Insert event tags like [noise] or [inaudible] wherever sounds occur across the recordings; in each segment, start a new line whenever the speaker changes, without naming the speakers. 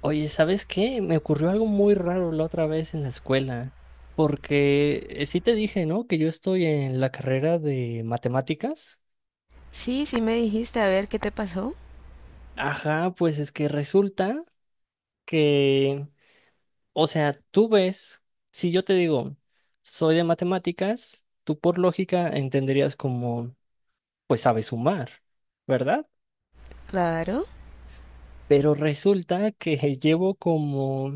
Oye, ¿sabes qué? Me ocurrió algo muy raro la otra vez en la escuela, porque sí te dije, ¿no? Que yo estoy en la carrera de matemáticas.
Sí, sí me dijiste, a ver qué te pasó.
Ajá, pues es que resulta que, o sea, tú ves, si yo te digo, soy de matemáticas, tú por lógica entenderías como, pues sabes sumar, ¿verdad?
Claro.
Pero resulta que [laughs] llevo como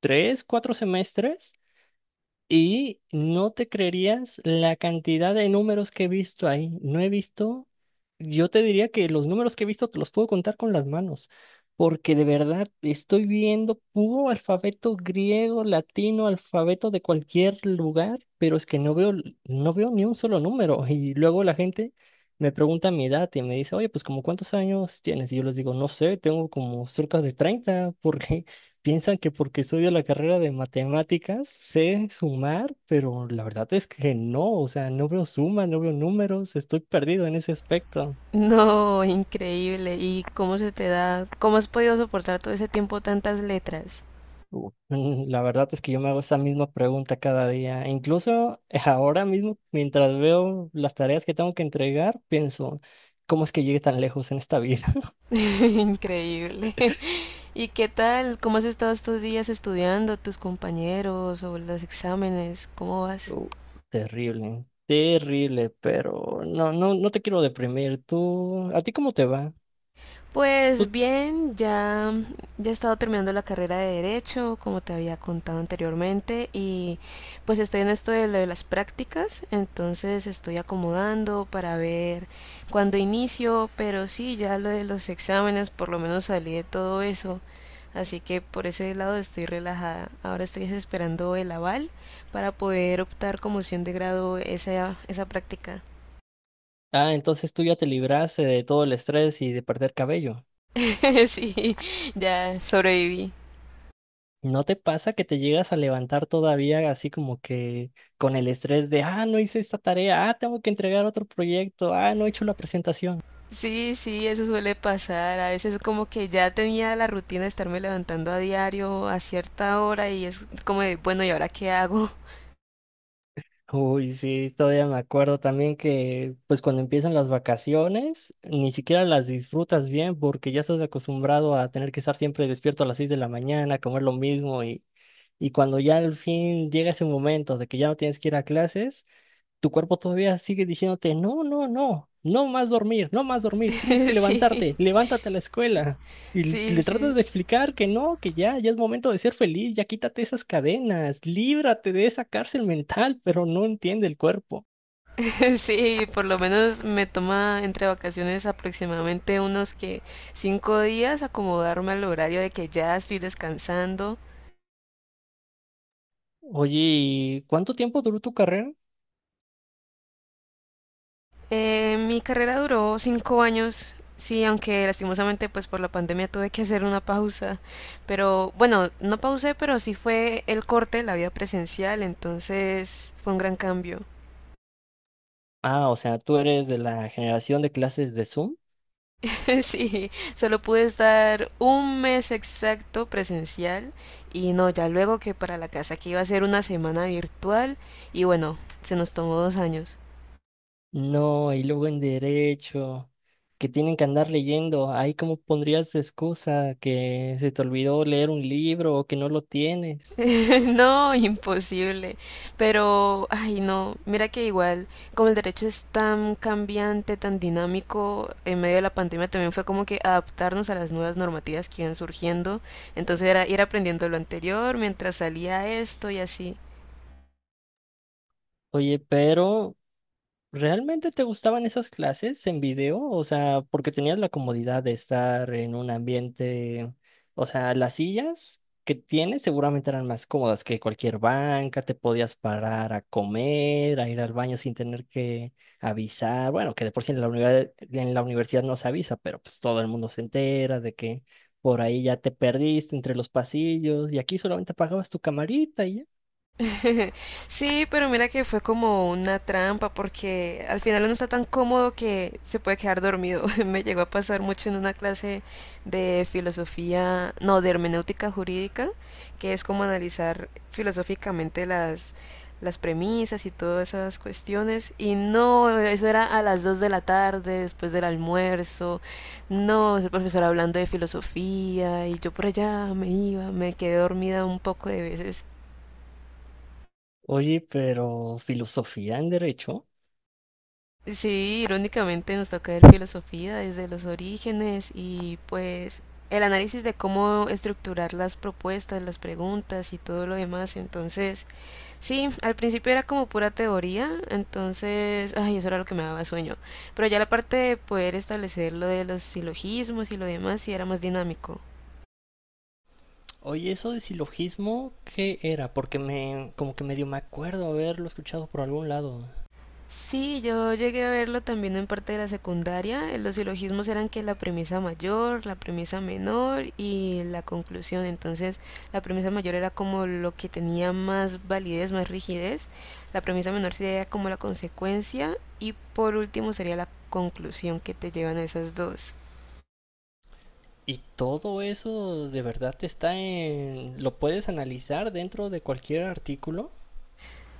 3, 4 semestres. Y no te creerías la cantidad de números que he visto ahí. No he visto, yo te diría que los números que he visto te los puedo contar con las manos, porque de verdad estoy viendo puro alfabeto griego, latino, alfabeto de cualquier lugar, pero es que no veo, no veo ni un solo número. [laughs] Y luego la gente me pregunta mi edad y me dice, oye, pues ¿como cuántos años tienes? Y yo les digo, no sé, tengo como cerca de 30, [laughs] porque piensan que porque estudio la carrera de matemáticas sé sumar, pero la verdad es que no, o sea, no veo sumas, no veo números, estoy perdido en ese aspecto.
No, increíble. ¿Y cómo se te da? ¿Cómo has podido soportar todo ese tiempo tantas letras?
La verdad es que yo me hago esa misma pregunta cada día. Incluso [laughs] ahora mismo, mientras veo las tareas que tengo que entregar, pienso, ¿cómo es que llegué tan lejos en esta vida? [laughs]
[laughs] Increíble. ¿Y qué tal? ¿Cómo has estado estos días estudiando, tus compañeros o los exámenes? ¿Cómo vas?
Uh, Terrible, terrible, pero no, no, no te quiero deprimir. ¿A ti cómo te va?
Pues bien, ya, ya he estado terminando la carrera de Derecho, como te había contado anteriormente, y pues estoy en esto de lo de las prácticas, entonces estoy acomodando para ver cuándo inicio, pero sí, ya lo de los exámenes, por lo menos salí de todo eso, así que por ese lado estoy relajada. Ahora estoy esperando el aval para poder optar como opción de grado esa práctica.
Ah, entonces tú ya te libraste de todo el estrés y de perder cabello.
[laughs] Sí, ya sobreviví.
¿No te pasa que te llegas a levantar todavía así como que con el estrés de, ah, no hice esta tarea, ah, tengo que entregar otro proyecto, ah, no he hecho la presentación?
Sí, sí, eso suele pasar. A veces como que ya tenía la rutina de estarme levantando a diario a cierta hora y es como de, bueno, ¿y ahora qué hago?
Uy, sí, todavía me acuerdo también que pues cuando empiezan las vacaciones, ni siquiera las disfrutas bien porque ya estás acostumbrado a tener que estar siempre despierto a las 6 de la mañana, comer lo mismo y cuando ya al fin llega ese momento de que ya no tienes que ir a clases, tu cuerpo todavía sigue diciéndote, no, no, no, no más dormir, no más dormir, tienes que
[laughs] Sí,
levantarte, levántate a la escuela. Y
sí,
le tratas
sí.
de explicar que no, que ya, ya es momento de ser feliz, ya quítate esas cadenas, líbrate de esa cárcel mental, pero no entiende el cuerpo.
[laughs] Sí, por lo menos me toma entre vacaciones aproximadamente unos que 5 días acomodarme al horario de que ya estoy descansando.
Oye, ¿y cuánto tiempo duró tu carrera?
Mi carrera duró 5 años, sí, aunque lastimosamente pues por la pandemia tuve que hacer una pausa, pero bueno, no pausé, pero sí fue el corte, la vida presencial, entonces fue un gran cambio.
Ah, o sea, tú eres de la generación de clases de Zoom.
[laughs] Sí, solo pude estar un mes exacto presencial y no, ya luego que para la casa que iba a ser una semana virtual y bueno, se nos tomó 2 años.
No, y luego en derecho, que tienen que andar leyendo. Ahí cómo pondrías de excusa que se te olvidó leer un libro o que no lo tienes.
[laughs] No, imposible. Pero, ay, no, mira que igual, como el derecho es tan cambiante, tan dinámico, en medio de la pandemia también fue como que adaptarnos a las nuevas normativas que iban surgiendo. Entonces era ir aprendiendo lo anterior mientras salía esto y así.
Oye, pero ¿realmente te gustaban esas clases en video? O sea, porque tenías la comodidad de estar en un ambiente, o sea, las sillas que tienes seguramente eran más cómodas que cualquier banca, te podías parar a comer, a ir al baño sin tener que avisar. Bueno, que de por sí en la universidad no se avisa, pero pues todo el mundo se entera de que por ahí ya te perdiste entre los pasillos y aquí solamente pagabas tu camarita y ya.
[laughs] Sí, pero mira que fue como una trampa porque al final uno está tan cómodo que se puede quedar dormido. [laughs] Me llegó a pasar mucho en una clase de filosofía, no, de hermenéutica jurídica, que es como analizar filosóficamente las premisas y todas esas cuestiones. Y no, eso era a las 2 de la tarde, después del almuerzo. No, el profesor hablando de filosofía y yo por allá me iba, me quedé dormida un poco de veces.
Oye, pero filosofía en derecho.
Sí, irónicamente nos toca ver filosofía desde los orígenes y pues el análisis de cómo estructurar las propuestas, las preguntas y todo lo demás. Entonces, sí, al principio era como pura teoría, entonces, ay, eso era lo que me daba sueño. Pero ya la parte de poder establecer lo de los silogismos y lo demás sí era más dinámico.
Oye, eso de silogismo, ¿qué era? Porque me, como que medio me acuerdo haberlo escuchado por algún lado.
Sí, yo llegué a verlo también en parte de la secundaria. Los silogismos eran que la premisa mayor, la premisa menor y la conclusión. Entonces, la premisa mayor era como lo que tenía más validez, más rigidez. La premisa menor sería como la consecuencia y por último sería la conclusión que te llevan a esas dos.
Y todo eso de verdad está en... ¿Lo puedes analizar dentro de cualquier artículo?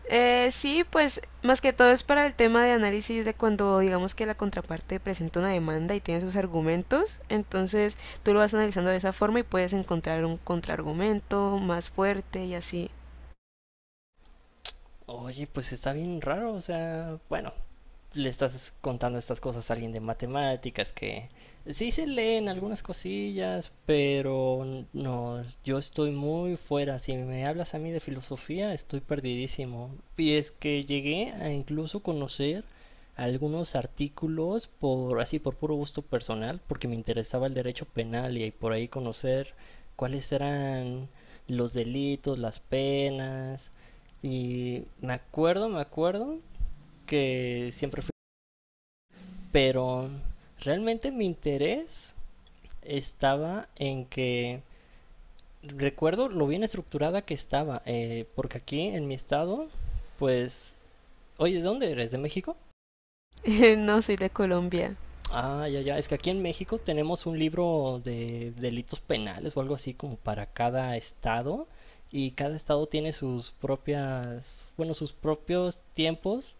Sí, pues más que todo es para el tema de análisis de cuando digamos que la contraparte presenta una demanda y tiene sus argumentos, entonces tú lo vas analizando de esa forma y puedes encontrar un contraargumento más fuerte y así.
Oye, pues está bien raro, o sea, bueno, le estás contando estas cosas a alguien de matemáticas que sí se leen algunas cosillas, pero no, yo estoy muy fuera. Si me hablas a mí de filosofía, estoy perdidísimo. Y es que llegué a incluso conocer algunos artículos por así por puro gusto personal, porque me interesaba el derecho penal y por ahí conocer cuáles eran los delitos, las penas. Y me acuerdo que siempre fui, pero realmente mi interés estaba en que recuerdo lo bien estructurada que estaba, porque aquí en mi estado, pues, oye, ¿de dónde eres? ¿De México?
[laughs] No soy de Colombia.
Ah, ya, ya, es que aquí en México tenemos un libro de delitos penales o algo así como para cada estado y cada estado tiene sus propias, bueno, sus propios tiempos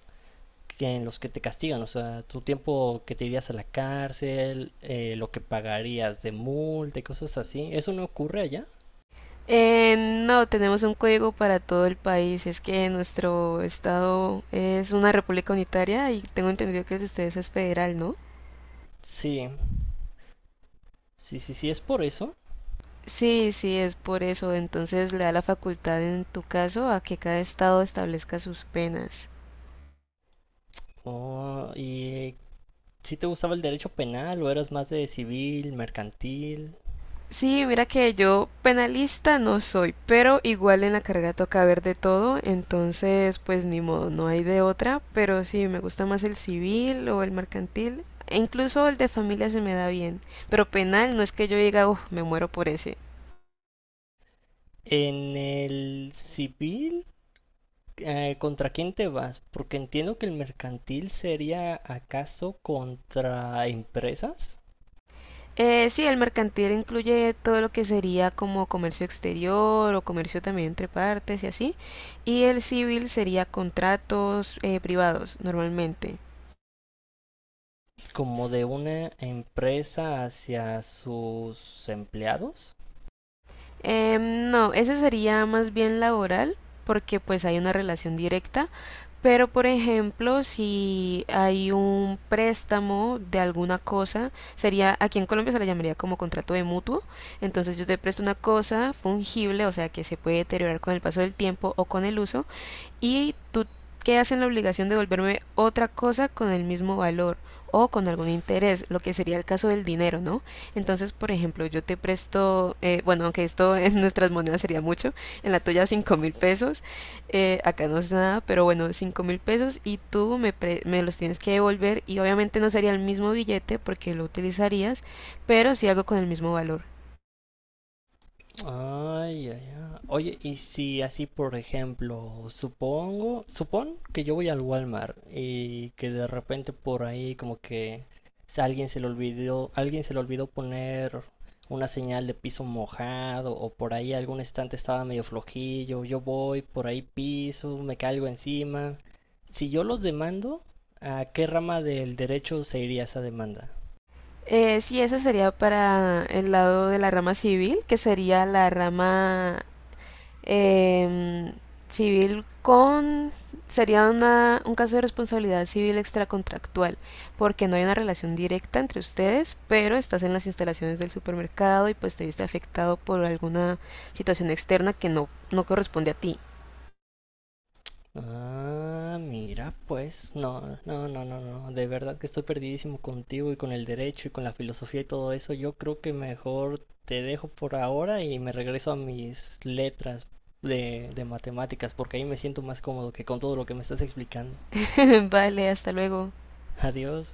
que en los que te castigan, o sea, tu tiempo que te irías a la cárcel, lo que pagarías de multa y cosas así. ¿Eso no ocurre allá?
No, tenemos un código para todo el país, es que nuestro estado es una república unitaria y tengo entendido que el de ustedes es federal, ¿no?
Sí, sí, sí, sí, es por eso.
Sí, sí, es por eso. Entonces le da la facultad en tu caso a que cada estado establezca sus penas.
Oh, ¿y si te gustaba el derecho penal o eras más de civil, mercantil?
Sí, mira que yo penalista no soy, pero igual en la carrera toca ver de todo, entonces pues ni modo, no hay de otra, pero sí, me gusta más el civil o el mercantil, e incluso el de familia se me da bien, pero penal no es que yo diga, uff, me muero por ese.
En el civil, ¿contra quién te vas? Porque entiendo que el mercantil sería acaso contra empresas.
Sí, el mercantil incluye todo lo que sería como comercio exterior o comercio también entre partes y así. Y el civil sería contratos privados normalmente.
Como de una empresa hacia sus empleados.
No, ese sería más bien laboral porque pues hay una relación directa. Pero por ejemplo, si hay un préstamo de alguna cosa, sería, aquí en Colombia se le llamaría como contrato de mutuo. Entonces yo te presto una cosa fungible, o sea que se puede deteriorar con el paso del tiempo o con el uso, y tú quedas en la obligación de devolverme otra cosa con el mismo valor o con algún interés, lo que sería el caso del dinero, ¿no? Entonces, por ejemplo, yo te presto, bueno, aunque esto [laughs] en nuestras monedas sería mucho, en la tuya 5.000 pesos, acá no es nada, pero bueno, 5.000 pesos y tú me los tienes que devolver y obviamente no sería el mismo billete porque lo utilizarías, pero sí algo con el mismo valor.
Ay, ay, ay. Oye, y si así, por ejemplo, supongo, supón que yo voy al Walmart y que de repente por ahí como que si alguien se le olvidó, alguien se le olvidó poner una señal de piso mojado o por ahí algún estante estaba medio flojillo, yo voy, por ahí piso, me caigo encima. Si yo los demando, ¿a qué rama del derecho se iría esa demanda?
Sí, esa sería para el lado de la rama civil, que sería la rama. Em, Civil con... Sería un caso de responsabilidad civil extracontractual, porque no hay una relación directa entre ustedes, pero estás en las instalaciones del supermercado y pues te viste afectado por alguna situación externa que no, no corresponde a ti.
Ah, mira, pues, no, no, no, no, no, de verdad que estoy perdidísimo contigo y con el derecho y con la filosofía y todo eso. Yo creo que mejor te dejo por ahora y me regreso a mis letras de matemáticas, porque ahí me siento más cómodo que con todo lo que me estás explicando.
[laughs] Vale, hasta luego.
[laughs] Adiós.